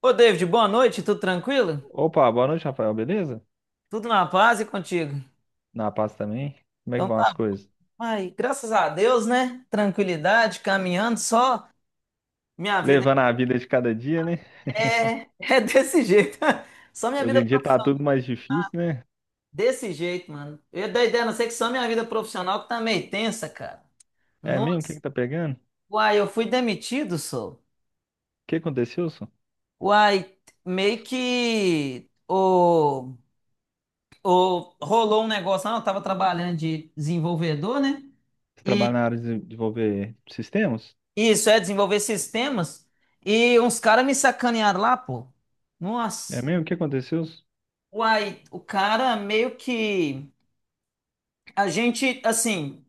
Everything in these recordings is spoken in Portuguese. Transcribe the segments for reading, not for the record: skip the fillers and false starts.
Ô, David, boa noite, tudo tranquilo? Opa, boa noite, Rafael, beleza? Tudo na paz e contigo? Na paz também? Como é que Então vão as tá, coisas? ai, graças a Deus, né? Tranquilidade, caminhando, só minha vida Levando a vida de cada dia, né? é, é desse jeito. Só minha Hoje vida em dia tá profissional, tudo mais difícil, né? desse jeito, mano. Eu ia dar ideia, a não ser que só minha vida profissional que tá meio tensa, cara. É mesmo? O que Nossa, que tá pegando? O uai, eu fui demitido, sou. que aconteceu, Wilson? Uai, meio que rolou um negócio, lá, eu tava trabalhando de desenvolvedor, né? Você trabalha na área de desenvolver sistemas? Isso, é desenvolver sistemas. E uns caras me sacanearam lá, pô. É Nossa. mesmo? O que aconteceu? Wilson? Uai, o cara meio que. A gente, assim,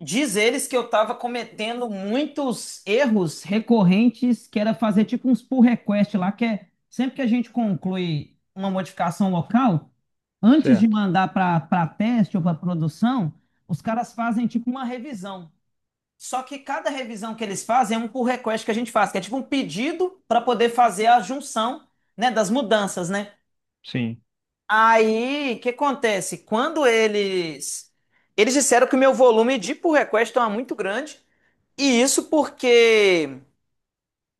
diz eles que eu tava cometendo muitos erros recorrentes, que era fazer tipo uns pull request lá, que é sempre que a gente conclui uma modificação local, antes de Certo. mandar para teste ou para produção, os caras fazem tipo uma revisão. Só que cada revisão que eles fazem é um pull request que a gente faz, que é tipo um pedido para poder fazer a junção, né, das mudanças, né? Sim, Aí, o que acontece? Quando eles disseram que o meu volume de pull request estava muito grande, e isso porque,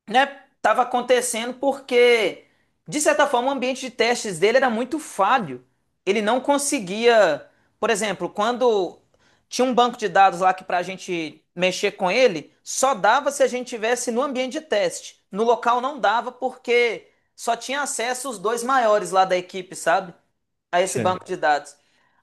né, estava acontecendo porque, de certa forma, o ambiente de testes dele era muito falho. Ele não conseguia, por exemplo, quando tinha um banco de dados lá que, para a gente mexer com ele, só dava se a gente tivesse no ambiente de teste. No local não dava porque só tinha acesso os dois maiores lá da equipe, sabe? A esse banco certo. de dados.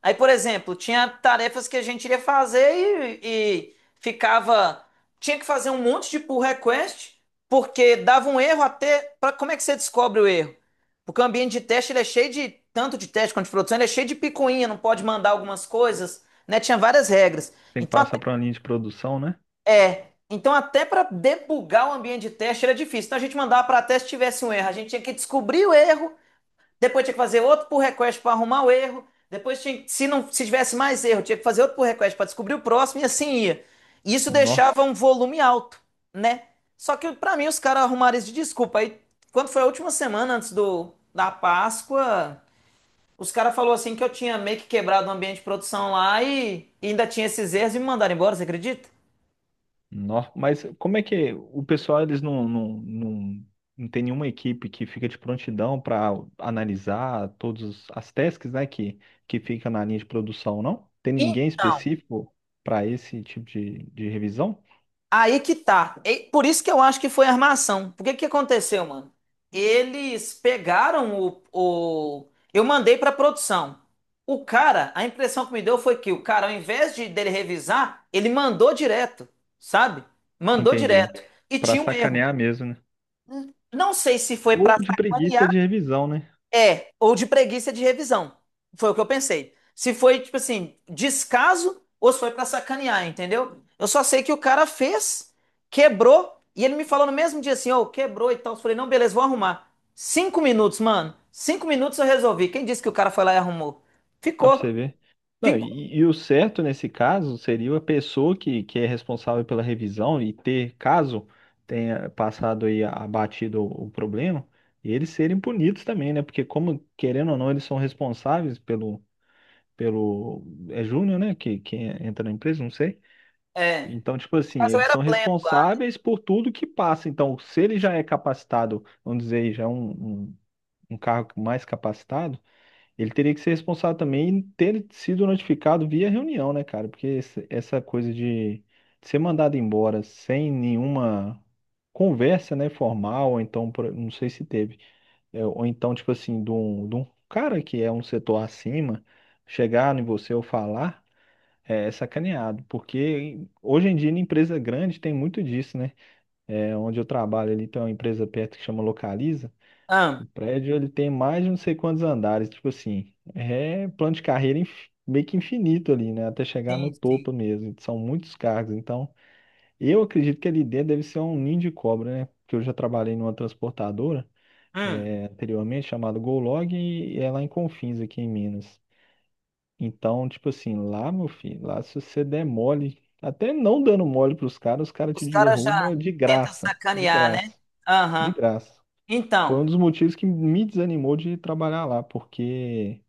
Aí, por exemplo, tinha tarefas que a gente iria fazer e ficava. Tinha que fazer um monte de pull request, porque dava um erro até. Pra, como é que você descobre o erro? Porque o ambiente de teste ele é cheio de. Tanto de teste quanto de produção, ele é cheio de picuinha, não pode mandar algumas coisas, né? Tinha várias regras. Tem que Então, passar até, para uma linha de produção, né? Então, até para debugar o ambiente de teste era difícil. Então, a gente mandava para teste tivesse um erro. A gente tinha que descobrir o erro, depois tinha que fazer outro pull request para arrumar o erro. Depois tinha, se não, se tivesse mais erro, tinha que fazer outro pull request para descobrir o próximo e assim ia. Isso deixava Nossa. um volume alto, né? Só que para mim os caras arrumaram isso de desculpa. Aí, quando foi a última semana antes do da Páscoa, os caras falou assim que eu tinha meio que quebrado o ambiente de produção lá e ainda tinha esses erros e me mandaram embora, você acredita? Nó. Mas como é que o pessoal, eles não tem nenhuma equipe que fica de prontidão para analisar todas as tasks, né, que fica na linha de produção, não? Tem ninguém Então, específico para esse tipo de revisão? aí que tá. E por isso que eu acho que foi armação. Por que que aconteceu, mano? Eles pegaram o... Eu mandei pra produção. O cara, a impressão que me deu foi que o cara, ao invés de dele revisar, ele mandou direto, sabe? Mandou Entendi. direto. E Para tinha um erro. sacanear mesmo, né? Não sei se foi Ou pra de preguiça sacanear. de revisão, né? É, ou de preguiça de revisão. Foi o que eu pensei. Se foi, tipo assim, descaso ou se foi pra sacanear, entendeu? Eu só sei que o cara fez, quebrou, e ele me falou no mesmo dia assim, ô, quebrou e tal. Eu falei, não, beleza, vou arrumar. 5 minutos, mano. 5 minutos eu resolvi. Quem disse que o cara foi lá e arrumou? Dá pra Ficou, você ver. Não, ficou. e o certo nesse caso seria a pessoa que é responsável pela revisão e ter, caso tenha passado aí abatido o problema, eles serem punidos também, né? Porque como, querendo ou não, eles são responsáveis pelo, pelo, é júnior, né? Que entra na empresa, não sei. É, Então, tipo no assim, caso eu eles era são pleno lá. responsáveis por tudo que passa. Então, se ele já é capacitado, vamos dizer, já é um, um, um cargo mais capacitado, ele teria que ser responsável também em ter sido notificado via reunião, né, cara? Porque esse- essa coisa de ser mandado embora sem nenhuma conversa, né, formal, ou então, por- não sei se teve, é, ou então, tipo assim, de um cara que é um setor acima, chegar em você ou falar, é, é sacaneado. Porque hoje em dia, em empresa grande, tem muito disso, né? É, onde eu trabalho ali, tem uma empresa perto que chama Localiza. Ah, O prédio ele tem mais de não sei quantos andares, tipo assim, é plano de carreira inf- meio que infinito ali, né? Até chegar no sim, sim. topo mesmo. São muitos cargos, então eu acredito que ali dentro deve ser um ninho de cobra, né? Porque eu já trabalhei numa transportadora Hum, é, anteriormente chamada Golog e é lá em Confins, aqui em Minas. Então, tipo assim, lá, meu filho, lá se você der mole, até não dando mole pros caras, os caras te os caras já derrubam de tentam graça, de sacanear, né? graça, de Aham. graça. Foi um Então. dos motivos que me desanimou de trabalhar lá, porque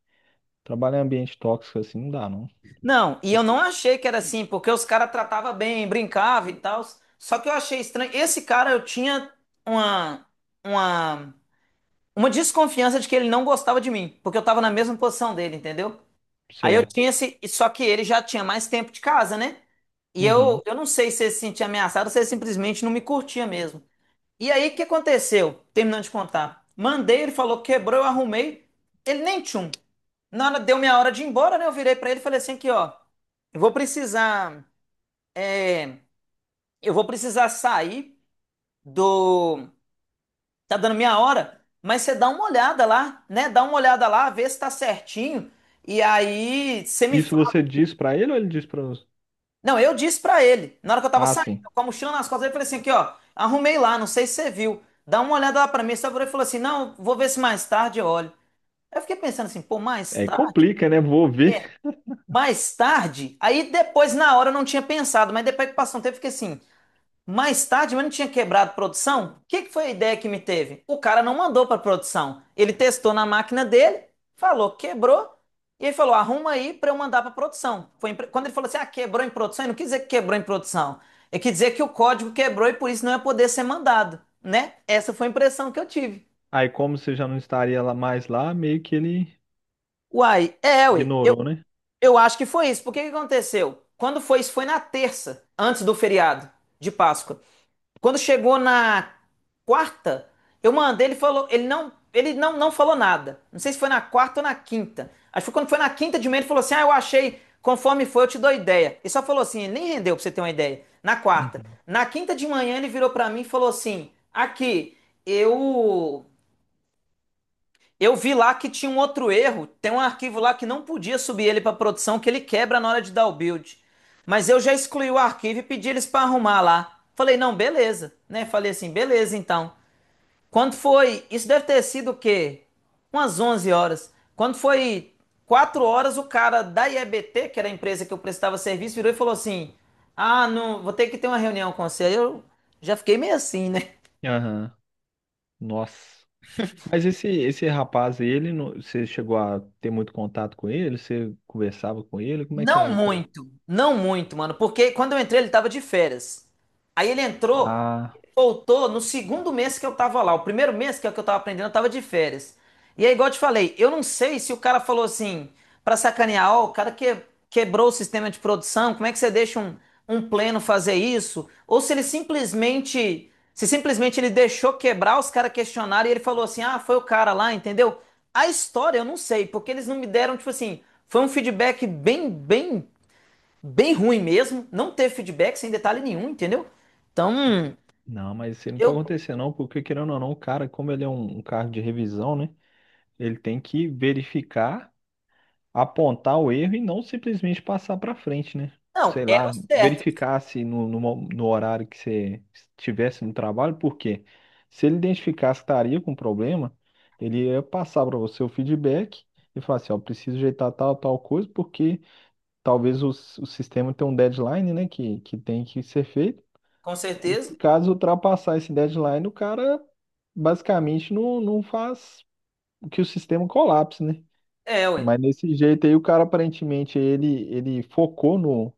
trabalhar em ambiente tóxico assim não dá, não. Não, e eu não achei que era assim, porque os caras tratavam bem, brincavam e tal. Só que eu achei estranho. Esse cara, eu tinha uma, uma, uma desconfiança de que ele não gostava de mim, porque eu tava na mesma posição dele, entendeu? Aí eu Certo. tinha esse. E só que ele já tinha mais tempo de casa, né? E Uhum. eu não sei se ele se sentia ameaçado ou se ele simplesmente não me curtia mesmo. E aí, o que aconteceu? Terminando de contar. Mandei, ele falou, quebrou, eu arrumei. Ele nem tchum. Na hora, deu minha hora de ir embora, né? Eu virei pra ele e falei assim aqui, ó. Eu vou precisar... é, eu vou precisar sair do... Tá dando minha hora, mas você dá uma olhada lá, né? Dá uma olhada lá, vê se tá certinho. E aí, você me Isso fala. você diz pra ele ou ele diz para você? Não, eu disse pra ele, na hora que eu tava Ah, saindo, sim. com a mochila nas costas, eu falei assim aqui, ó. Arrumei lá, não sei se você viu. Dá uma olhada lá pra mim. Só virou e falou assim, não, vou ver se mais tarde eu olho. Eu fiquei pensando assim, pô, mais Aí tarde? complica, né? Vou ver. Mais tarde? Aí depois, na hora, eu não tinha pensado, mas depois que passou um tempo, eu fiquei assim, mais tarde, mas não tinha quebrado produção? O que que foi a ideia que me teve? O cara não mandou para produção. Ele testou na máquina dele, falou, quebrou, e ele falou, arruma aí para eu mandar para produção. Foi em pre- quando ele falou assim, ah, quebrou em produção, ele não quis dizer que quebrou em produção. Ele quis dizer que o código quebrou e por isso não ia poder ser mandado, né? Essa foi a impressão que eu tive. Aí como você já não estaria lá mais lá, meio que ele Uai, é, ué. Eu, ignorou, né? Eu acho que foi isso. Porque que aconteceu? Quando foi isso? Foi na terça, antes do feriado de Páscoa. Quando chegou na quarta, eu mandei, ele falou, ele não, não falou nada. Não sei se foi na quarta ou na quinta. Acho que foi quando foi na quinta de manhã, ele falou assim: "Ah, eu achei, conforme foi, eu te dou ideia". E só falou assim, ele nem rendeu pra você ter uma ideia. Na quarta. Uhum. Na quinta de manhã ele virou pra mim e falou assim: "Aqui, eu eu vi lá que tinha um outro erro. Tem um arquivo lá que não podia subir ele para produção, que ele quebra na hora de dar o build. Mas eu já excluí o arquivo e pedi eles para arrumar lá." Falei, não, beleza, né? Falei assim, beleza então. Quando foi? Isso deve ter sido o quê? Umas 11 horas. Quando foi 4 horas, o cara da IEBT, que era a empresa que eu prestava serviço, virou e falou assim: ah, não, vou ter que ter uma reunião com você. Aí eu já fiquei meio assim, né? Aham. Nossa. Mas esse rapaz, ele, não- você chegou a ter muito contato com ele? Você conversava com ele? Como é que Não é? O con- muito, não muito, mano, porque quando eu entrei ele tava de férias. Aí ele entrou, Ah. voltou no segundo mês que eu tava lá. O primeiro mês, que é o que eu tava aprendendo, eu tava de férias. E aí, igual eu te falei, eu não sei se o cara falou assim, pra sacanear, ó, o cara que, quebrou o sistema de produção, como é que você deixa um, um pleno fazer isso? Ou se ele simplesmente, se simplesmente ele deixou quebrar, os caras questionaram e ele falou assim, ah, foi o cara lá, entendeu? A história eu não sei, porque eles não me deram, tipo assim, foi um feedback bem, bem, bem ruim mesmo. Não teve feedback sem detalhe nenhum, entendeu? Então, Não, mas isso aí não pode eu, acontecer não, porque querendo ou não, o cara, como ele é um, um cargo de revisão, né? Ele tem que verificar, apontar o erro e não simplesmente passar para frente, né? não, Sei era o lá, certo, verificar se no, no, mo- no horário que você estivesse no trabalho, porque se ele identificasse que estaria com problema, ele ia passar para você o feedback e falar assim, ó, preciso ajeitar tal, tal coisa, porque talvez o, s- o sistema tenha um deadline, né, que tem que ser feito. com E certeza. caso ultrapassar esse deadline, o cara basicamente não, não faz que o sistema colapse, né? É, ué. Mas nesse jeito aí, o cara aparentemente ele, ele focou no,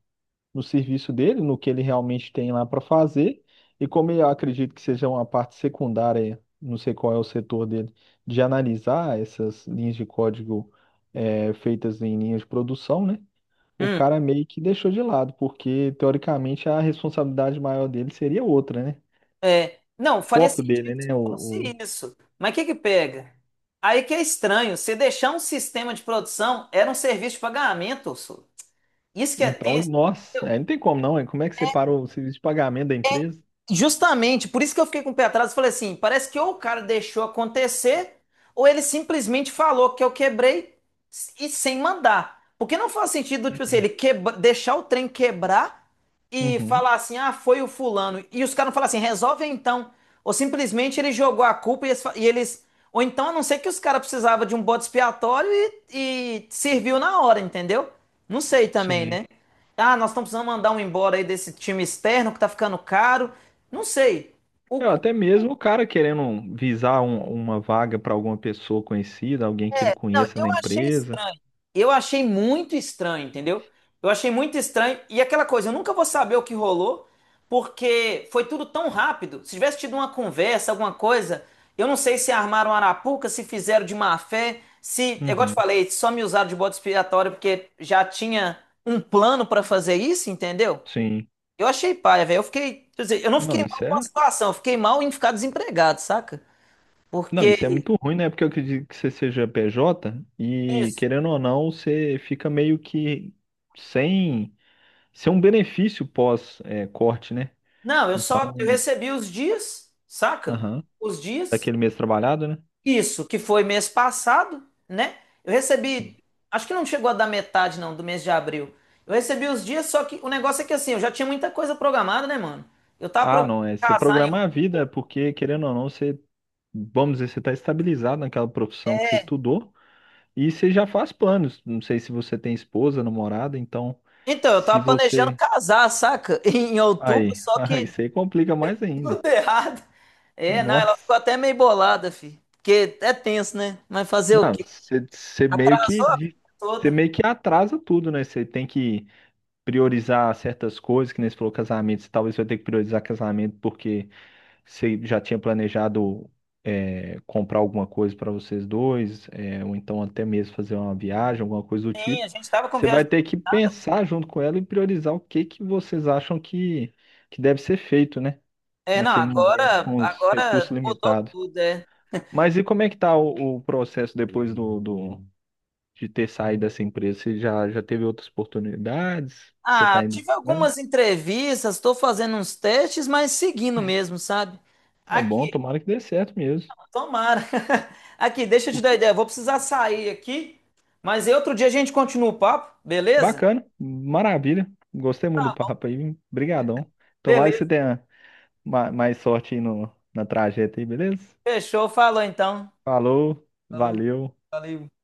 no serviço dele, no que ele realmente tem lá para fazer. E como eu acredito que seja uma parte secundária, não sei qual é o setor dele, de analisar essas linhas de código feitas em linhas de produção, né? O Hum, cara meio que deixou de lado, porque teoricamente a responsabilidade maior dele seria outra, né? é. Não, faria Foco sentido dele, se né? Fosse O- isso. Mas o que que pega? Aí que é estranho, você deixar um sistema de produção era um serviço de pagamento, só. Isso que é Então, tenso. nossa, aí não tem como não, hein? Como é que separa o serviço de pagamento da empresa? Justamente, por isso que eu fiquei com o pé atrás e falei assim: parece que ou o cara deixou acontecer, ou ele simplesmente falou que eu quebrei e sem mandar. Porque não faz sentido, tipo assim, ele quebra, deixar o trem quebrar e Uhum, falar assim: ah, foi o fulano. E os caras não falam assim: resolve então. Ou simplesmente ele jogou a culpa e eles. Fa- e eles- ou então, a não ser que os caras precisavam de um bode expiatório e serviu na hora, entendeu? Não sei também, sim. né? Ah, nós estamos precisando mandar um embora aí desse time externo que tá ficando caro. Não sei. É, O- até mesmo o cara querendo visar um- uma vaga para alguma pessoa conhecida, alguém que ele não, conheça eu na achei empresa. estranho. Eu achei muito estranho, entendeu? Eu achei muito estranho. E aquela coisa, eu nunca vou saber o que rolou, porque foi tudo tão rápido. Se tivesse tido uma conversa, alguma coisa, eu não sei se armaram arapuca, se fizeram de má fé, se, é igual eu te Uhum, falei, só me usaram de bode expiatório porque já tinha um plano pra fazer isso, entendeu? sim. Eu achei paia, velho. Eu fiquei, quer dizer, eu não Não, fiquei mal isso com a é, situação, eu fiquei mal em ficar desempregado, saca? não, isso é Porque muito ruim, né? Porque eu acredito que você seja PJ e, querendo ou não, você fica meio que sem, sem um benefício pós, é, corte, né? não, eu só Então, eu recebi os dias, saca? aham, Os dias. daquele mês trabalhado, né? Isso, que foi mês passado, né? Eu recebi, acho que não chegou a dar metade não do mês de abril. Eu recebi os dias, só que o negócio é que assim, eu já tinha muita coisa programada, né, mano? Eu tava Ah, não, programando é você casar em programar out- a vida, é porque querendo ou não, você, vamos dizer, você está estabilizado naquela profissão que você estudou e você já faz planos. Não sei se você tem esposa, namorada, então então, eu se tava planejando você. casar, saca? Em outubro, Aí, só aí que isso aí complica mais ainda. tudo errado. É, não, ela ficou Nossa. até meio bolada, fi. Porque é tenso, né? Mas fazer o Não, quê? você, você meio que Atrasou a de- vida você toda. meio que atrasa tudo, né? Você tem que priorizar certas coisas, que nem você falou casamento, você talvez vai ter que priorizar casamento porque você já tinha planejado é, comprar alguma coisa para vocês dois, é, ou então até mesmo fazer uma viagem, alguma coisa do Sim, a tipo. gente tava com Você vai viagem, ter que pensar junto com ela e priorizar o que que vocês acham que deve ser feito, né? é, não, Naquele momento, agora, com os recursos agora mudou limitados. tudo, é. Mas e como é que tá o processo depois do, do- de ter saído dessa empresa? Você já, já teve outras oportunidades? Você está Ah, indo? tive Buscando? algumas entrevistas, estou fazendo uns testes, mas seguindo mesmo, sabe? É bom, Aqui, tomara que dê certo mesmo. tomara. Aqui, deixa eu te dar ideia, vou precisar sair aqui, mas aí outro dia a gente continua o papo, beleza? Bacana, maravilha. Gostei muito do papo aí. Obrigadão. Tomara que você Beleza, tenha ma- mais sorte aí no, na trajeta aí, beleza? fechou, falou então. Falou, Falou, valeu. valeu.